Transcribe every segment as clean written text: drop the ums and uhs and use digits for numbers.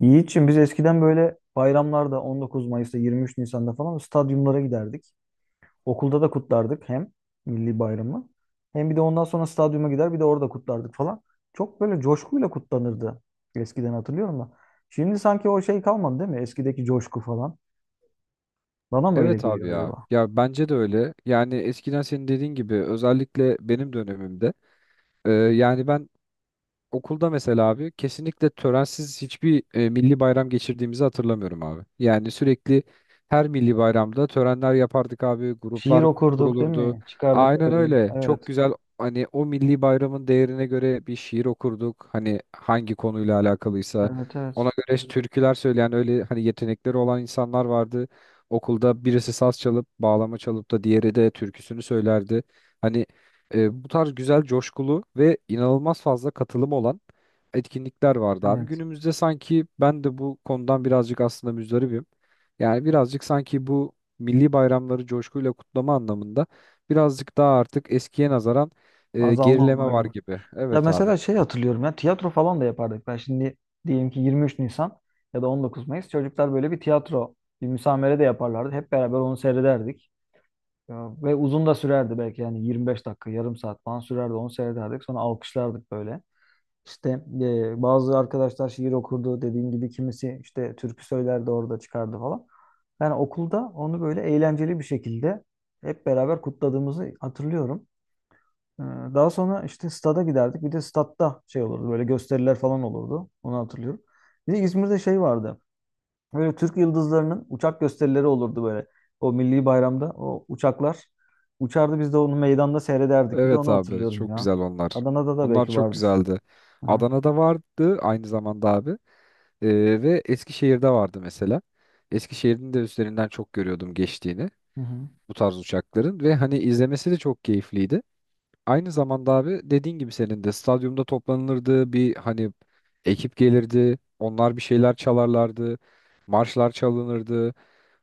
Yiğit'ciğim biz eskiden böyle bayramlarda 19 Mayıs'ta 23 Nisan'da falan stadyumlara giderdik. Okulda da kutlardık hem milli bayramı hem bir de ondan sonra stadyuma gider bir de orada kutlardık falan. Çok böyle coşkuyla kutlanırdı eskiden hatırlıyorum da. Şimdi sanki o şey kalmadı değil mi? Eskideki coşku falan. Bana mı öyle Evet abi geliyor ya. acaba? Ya bence de öyle. Yani eskiden senin dediğin gibi özellikle benim dönemimde e, yani ben okulda mesela abi kesinlikle törensiz hiçbir milli bayram geçirdiğimizi hatırlamıyorum abi. Yani sürekli her milli bayramda törenler yapardık abi, Şiir gruplar okurduk değil kurulurdu. mi? Çıkardık Aynen böyle. öyle. Çok Evet. güzel hani o milli bayramın değerine göre bir şiir okurduk. Hani hangi konuyla alakalıysa Evet, ona evet. göre türküler söyleyen öyle hani yetenekleri olan insanlar vardı. Okulda birisi saz çalıp bağlama çalıp da diğeri de türküsünü söylerdi. Hani bu tarz güzel, coşkulu ve inanılmaz fazla katılım olan etkinlikler vardı abi. Evet. Günümüzde sanki ben de bu konudan birazcık aslında müzdaribim. Yani birazcık sanki bu milli bayramları coşkuyla kutlama anlamında birazcık daha artık eskiye nazaran Azalma gerileme var var gibi. gibi. Ya Evet abi. mesela şey hatırlıyorum ya tiyatro falan da yapardık. Ben şimdi diyelim ki 23 Nisan ya da 19 Mayıs çocuklar böyle bir tiyatro, bir müsamere de yaparlardı. Hep beraber onu seyrederdik. Ya, ve uzun da sürerdi belki yani 25 dakika, yarım saat falan sürerdi onu seyrederdik. Sonra alkışlardık böyle. İşte bazı arkadaşlar şiir okurdu dediğim gibi kimisi işte türkü söylerdi orada çıkardı falan. Yani okulda onu böyle eğlenceli bir şekilde hep beraber kutladığımızı hatırlıyorum. Ee, Daha sonra işte stada giderdik. Bir de statta şey olurdu. Böyle gösteriler falan olurdu. Onu hatırlıyorum. Bir de İzmir'de şey vardı. Böyle Türk yıldızlarının uçak gösterileri olurdu böyle. O milli bayramda o uçaklar uçardı. Biz de onu meydanda seyrederdik. Bir de Evet onu abi. hatırlıyorum Çok ya. güzel onlar. Adana'da da Onlar belki çok vardır. güzeldi. Hı hı. Adana'da vardı aynı zamanda abi. Ve Eskişehir'de vardı mesela. Eskişehir'in de üstlerinden çok görüyordum geçtiğini. Hı hı. Bu tarz uçakların ve hani izlemesi de çok keyifliydi. Aynı zamanda abi dediğin gibi senin de stadyumda toplanılırdı, bir hani ekip gelirdi, onlar bir şeyler çalarlardı, marşlar çalınırdı.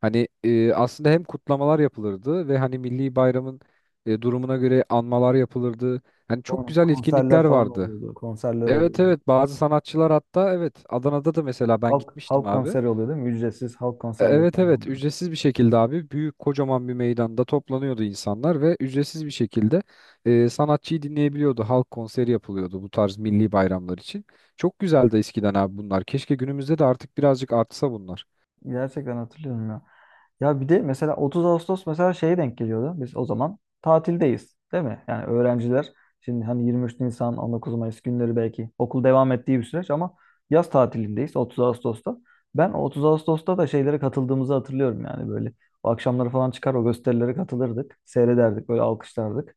Hani aslında hem kutlamalar yapılırdı ve hani milli bayramın durumuna göre anmalar yapılırdı. Hani çok güzel etkinlikler Konserler falan vardı. oluyordu. Konserler Evet, oluyordu. evet, bazı sanatçılar hatta, evet, Adana'da da mesela ben Halk gitmiştim halk abi. konseri oluyor değil mi? Ücretsiz halk konserleri Evet, falan evet, oluyordu. ücretsiz bir şekilde abi büyük kocaman bir meydanda toplanıyordu insanlar ve ücretsiz bir şekilde sanatçıyı dinleyebiliyordu. Halk konseri yapılıyordu bu tarz milli bayramlar için. Çok güzeldi eskiden abi bunlar. Keşke günümüzde de artık birazcık artsa bunlar. Gerçekten hatırlıyorum ya. Ya bir de mesela 30 Ağustos mesela şeye denk geliyordu. Biz o zaman tatildeyiz, değil mi? Yani öğrenciler şimdi hani 23 Nisan, 19 Mayıs günleri belki okul devam ettiği bir süreç ama yaz tatilindeyiz 30 Ağustos'ta. Ben 30 Ağustos'ta da şeylere katıldığımızı hatırlıyorum yani böyle. O akşamları falan çıkar o gösterilere katılırdık. Seyrederdik, böyle alkışlardık.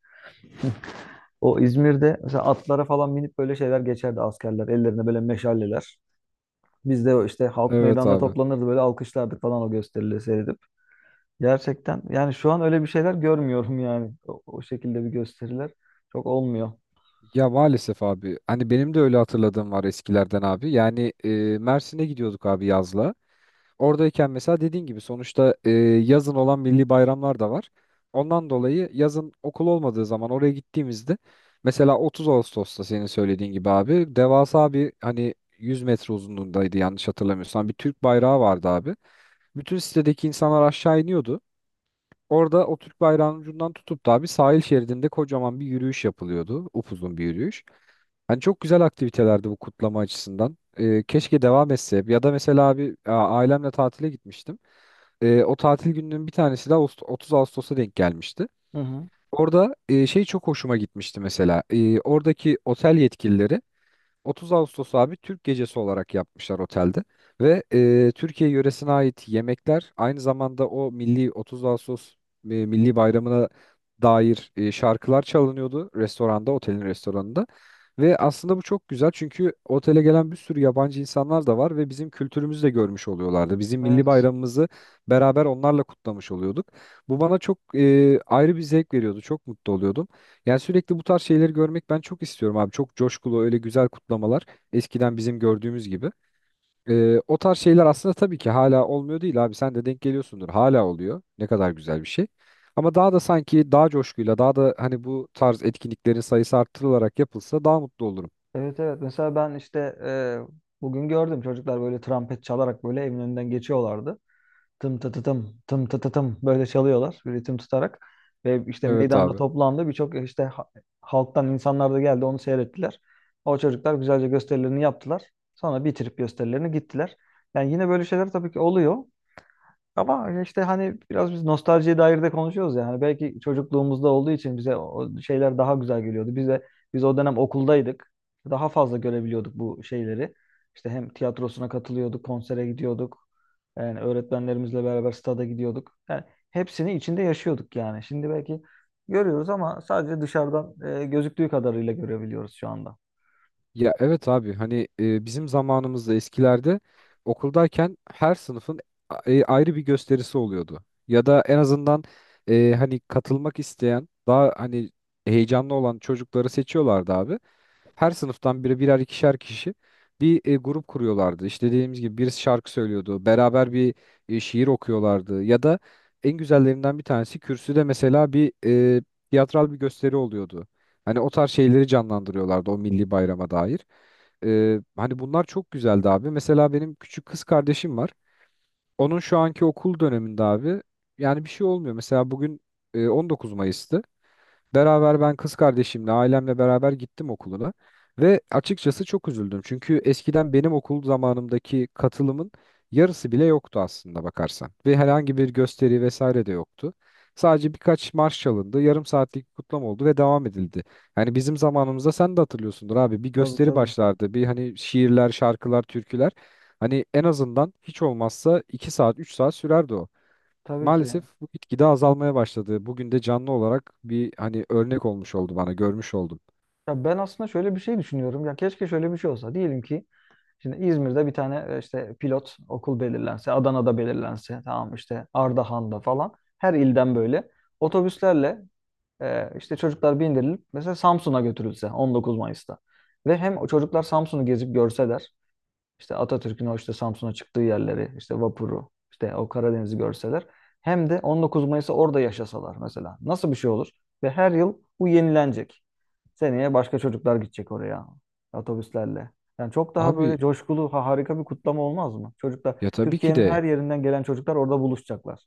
O İzmir'de mesela atlara falan binip böyle şeyler geçerdi askerler. Ellerinde böyle meşaleler. Biz de işte halk Evet meydanda abi. toplanırdı böyle alkışlardık falan o gösterileri seyredip. Gerçekten yani şu an öyle bir şeyler görmüyorum yani. O, o şekilde bir gösteriler çok olmuyor. Ya maalesef abi. Hani benim de öyle hatırladığım var eskilerden abi. Mersin'e gidiyorduk abi yazla. Oradayken mesela dediğin gibi sonuçta yazın olan milli bayramlar da var. Ondan dolayı yazın okul olmadığı zaman oraya gittiğimizde mesela 30 Ağustos'ta senin söylediğin gibi abi devasa bir, hani, 100 metre uzunluğundaydı yanlış hatırlamıyorsam, bir Türk bayrağı vardı abi. Bütün sitedeki insanlar aşağı iniyordu. Orada o Türk bayrağının ucundan tutup da abi sahil şeridinde kocaman bir yürüyüş yapılıyordu. Upuzun bir yürüyüş. Hani çok güzel aktivitelerdi bu kutlama açısından. E, keşke devam etse. Ya da mesela abi ailemle tatile gitmiştim. E, o tatil gününün bir tanesi de 30 Ağustos'a denk gelmişti. Hı hı. Orada şey, çok hoşuma gitmişti mesela. E, oradaki otel yetkilileri 30 Ağustos abi Türk gecesi olarak yapmışlar otelde ve Türkiye yöresine ait yemekler, aynı zamanda o milli 30 Ağustos milli bayramına dair şarkılar çalınıyordu restoranda, otelin restoranında. Ve aslında bu çok güzel, çünkü otele gelen bir sürü yabancı insanlar da var ve bizim kültürümüzü de görmüş oluyorlardı. Bizim milli Evet. bayramımızı beraber onlarla kutlamış oluyorduk. Bu bana çok ayrı bir zevk veriyordu. Çok mutlu oluyordum. Yani sürekli bu tarz şeyleri görmek ben çok istiyorum abi. Çok coşkulu öyle güzel kutlamalar, eskiden bizim gördüğümüz gibi. O tarz şeyler aslında tabii ki hala olmuyor değil abi. Sen de denk geliyorsundur. Hala oluyor. Ne kadar güzel bir şey. Ama daha da sanki daha coşkuyla, daha da, hani, bu tarz etkinliklerin sayısı arttırılarak yapılsa daha mutlu olurum. Evet, evet. Mesela ben işte e, bugün gördüm çocuklar böyle trompet çalarak böyle evin önünden geçiyorlardı. Tım tı tı tım tım tı tı tım böyle çalıyorlar bir ritim tutarak. Ve işte Evet meydanda abi. toplandı birçok işte halktan insanlar da geldi onu seyrettiler. O çocuklar güzelce gösterilerini yaptılar. Sonra bitirip gösterilerini gittiler. Yani yine böyle şeyler tabii ki oluyor. Ama hani işte hani biraz biz nostaljiye dair de konuşuyoruz yani. Belki çocukluğumuzda olduğu için bize o şeyler daha güzel geliyordu. Bize biz o dönem okuldaydık. Daha fazla görebiliyorduk bu şeyleri. İşte hem tiyatrosuna katılıyorduk, konsere gidiyorduk. Yani öğretmenlerimizle beraber stada gidiyorduk. Yani hepsini içinde yaşıyorduk yani. Şimdi belki görüyoruz ama sadece dışarıdan gözüktüğü kadarıyla görebiliyoruz şu anda. Ya evet abi, hani bizim zamanımızda, eskilerde, okuldayken her sınıfın ayrı bir gösterisi oluyordu. Ya da en azından hani katılmak isteyen, daha hani heyecanlı olan çocukları seçiyorlardı abi. Her sınıftan biri, birer ikişer kişi bir grup kuruyorlardı. İşte dediğimiz gibi birisi şarkı söylüyordu. Beraber bir şiir okuyorlardı. Ya da en güzellerinden bir tanesi kürsüde mesela bir e, tiyatral bir gösteri oluyordu. Hani o tarz şeyleri canlandırıyorlardı o milli bayrama dair. Hani bunlar çok güzeldi abi. Mesela benim küçük kız kardeşim var. Onun şu anki okul döneminde abi yani bir şey olmuyor. Mesela bugün 19 Mayıs'tı. Beraber ben kız kardeşimle, ailemle beraber gittim okuluna ve açıkçası çok üzüldüm. Çünkü eskiden benim okul zamanımdaki katılımın yarısı bile yoktu aslında bakarsan. Ve herhangi bir gösteri vesaire de yoktu. Sadece birkaç marş çalındı, yarım saatlik bir kutlama oldu ve devam edildi. Yani bizim zamanımızda sen de hatırlıyorsundur abi, bir Tabii, gösteri tabii. başlardı. Bir, hani, şiirler, şarkılar, türküler. Hani en azından hiç olmazsa 2 saat, 3 saat sürerdi o. Tabii ki. Maalesef bu gitgide azalmaya başladı. Bugün de canlı olarak bir, hani, örnek olmuş oldu bana, görmüş oldum. Ya ben aslında şöyle bir şey düşünüyorum. Ya keşke şöyle bir şey olsa. Diyelim ki şimdi İzmir'de bir tane işte pilot okul belirlense, Adana'da belirlense, tamam işte Ardahan'da falan her ilden böyle otobüslerle işte çocuklar bindirilip mesela Samsun'a götürülse 19 Mayıs'ta. Ve hem o çocuklar Samsun'u gezip görseler işte Atatürk'ün o işte Samsun'a çıktığı yerleri, işte vapuru, işte o Karadeniz'i görseler hem de 19 Mayıs'ı orada yaşasalar mesela. Nasıl bir şey olur? Ve her yıl bu yenilenecek. Seneye başka çocuklar gidecek oraya otobüslerle. Yani çok daha Abi, böyle coşkulu, harika bir kutlama olmaz mı? Çocuklar, ya tabii ki Türkiye'nin de her yerinden gelen çocuklar orada buluşacaklar.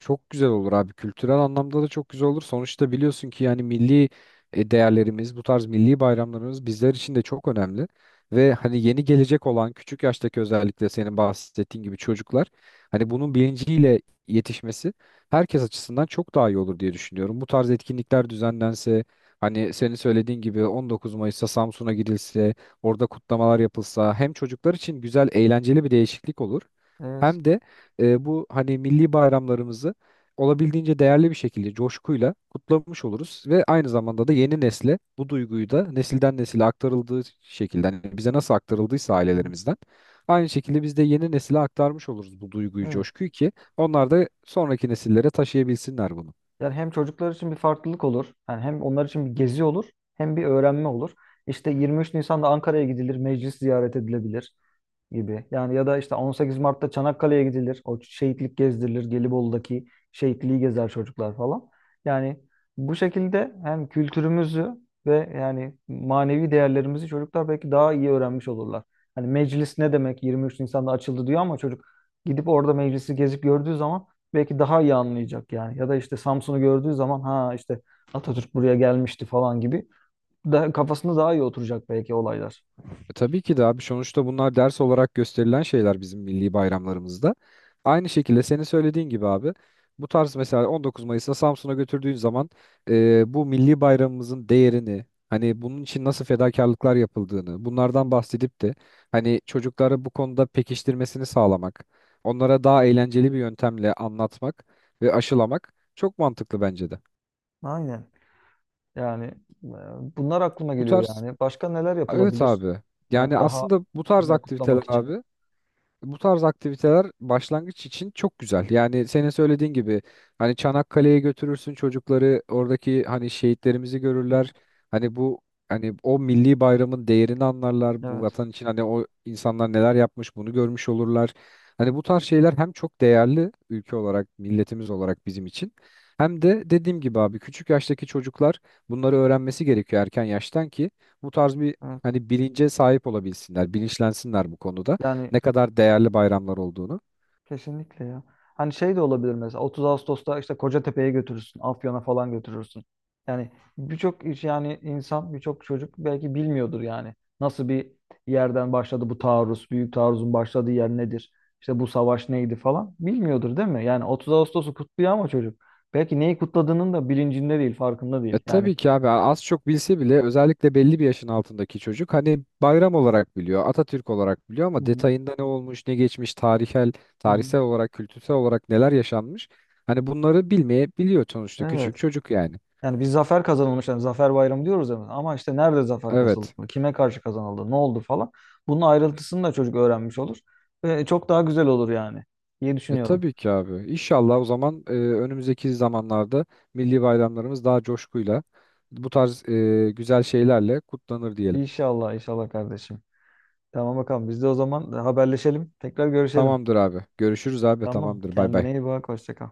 çok güzel olur abi. Kültürel anlamda da çok güzel olur. Sonuçta biliyorsun ki yani milli değerlerimiz, bu tarz milli bayramlarımız bizler için de çok önemli. Ve hani yeni gelecek olan küçük yaştaki, özellikle senin bahsettiğin gibi, çocuklar hani bunun bilinciyle yetişmesi herkes açısından çok daha iyi olur diye düşünüyorum. Bu tarz etkinlikler düzenlense, hani senin söylediğin gibi 19 Mayıs'ta Samsun'a gidilse, orada kutlamalar yapılsa, hem çocuklar için güzel, eğlenceli bir değişiklik olur. Evet. Hem de bu, hani, milli bayramlarımızı olabildiğince değerli bir şekilde coşkuyla kutlamış oluruz ve aynı zamanda da yeni nesle bu duyguyu da, nesilden nesile aktarıldığı şekilde, hani bize nasıl aktarıldıysa Hı. ailelerimizden, aynı şekilde biz de yeni nesile aktarmış oluruz bu duyguyu, Evet. coşkuyu, ki onlar da sonraki nesillere taşıyabilsinler bunu. Yani hem çocuklar için bir farklılık olur. Yani hem onlar için bir gezi olur, hem bir öğrenme olur. İşte 23 Nisan'da Ankara'ya gidilir, meclis ziyaret edilebilir gibi. Yani ya da işte 18 Mart'ta Çanakkale'ye gidilir. O şehitlik gezdirilir. Gelibolu'daki şehitliği gezer çocuklar falan. Yani bu şekilde hem kültürümüzü ve yani manevi değerlerimizi çocuklar belki daha iyi öğrenmiş olurlar. Hani meclis ne demek 23 Nisan'da açıldı diyor ama çocuk gidip orada meclisi gezip gördüğü zaman belki daha iyi anlayacak yani. Ya da işte Samsun'u gördüğü zaman ha işte Atatürk buraya gelmişti falan gibi. Daha, kafasında daha iyi oturacak belki olaylar. E, tabii ki de abi, sonuçta bunlar ders olarak gösterilen şeyler bizim milli bayramlarımızda. Aynı şekilde senin söylediğin gibi abi, bu tarz mesela 19 Mayıs'ta Samsun'a götürdüğün zaman bu milli bayramımızın değerini, hani bunun için nasıl fedakarlıklar yapıldığını, bunlardan bahsedip de hani çocukları bu konuda pekiştirmesini sağlamak, onlara daha eğlenceli bir yöntemle anlatmak ve aşılamak çok mantıklı bence de. Aynen. Yani bunlar aklıma Bu geliyor tarz yani. Başka neler evet yapılabilir? abi Yani yani daha aslında bu tarz güzel aktiviteler kutlamak için. abi Bu tarz aktiviteler başlangıç için çok güzel. Yani senin söylediğin gibi hani Çanakkale'ye götürürsün çocukları, oradaki hani şehitlerimizi Hı. görürler. Hani bu Hani o milli bayramın değerini anlarlar. Bu Evet, vatan için hani o insanlar neler yapmış, bunu görmüş olurlar. Hani bu tarz şeyler hem çok değerli, ülke olarak, milletimiz olarak bizim için. Hem de dediğim gibi abi küçük yaştaki çocuklar bunları öğrenmesi gerekiyor erken yaştan, ki bu tarz bir evet. hani bilince sahip olabilsinler, bilinçlensinler bu konuda Yani ne kadar değerli bayramlar olduğunu. kesinlikle ya. Hani şey de olabilir mesela 30 Ağustos'ta işte Kocatepe'ye götürürsün, Afyon'a falan götürürsün. Yani birçok iş yani insan, birçok çocuk belki bilmiyordur yani. Nasıl bir yerden başladı bu taarruz, büyük taarruzun başladığı yer nedir? İşte bu savaş neydi falan bilmiyordur değil mi? Yani 30 Ağustos'u kutluyor ama çocuk belki neyi kutladığının da bilincinde değil, farkında E, değil. Yani tabii ki abi, az çok bilse bile, özellikle belli bir yaşın altındaki çocuk hani bayram olarak biliyor, Atatürk olarak biliyor, hı ama hı. detayında ne olmuş, ne geçmiş, Hı hı. tarihsel olarak, kültürel olarak neler yaşanmış. Hani bunları bilmeyebiliyor sonuçta küçük Evet. çocuk yani. Yani bir zafer kazanılmış. Yani zafer bayramı diyoruz hemen. Ama işte nerede zafer kazanıldı? Evet. Kime karşı kazanıldı? Ne oldu falan. Bunun ayrıntısını da çocuk öğrenmiş olur. Ve çok daha güzel olur yani diye E, düşünüyorum. tabii ki abi. İnşallah o zaman, önümüzdeki zamanlarda milli bayramlarımız daha coşkuyla bu tarz güzel şeylerle kutlanır diyelim. İnşallah, inşallah kardeşim. Tamam bakalım. Biz de o zaman haberleşelim. Tekrar görüşelim. Tamamdır abi. Görüşürüz abi. Tamam. Tamamdır. Bay bay. Kendine iyi bak. Hoşça kal.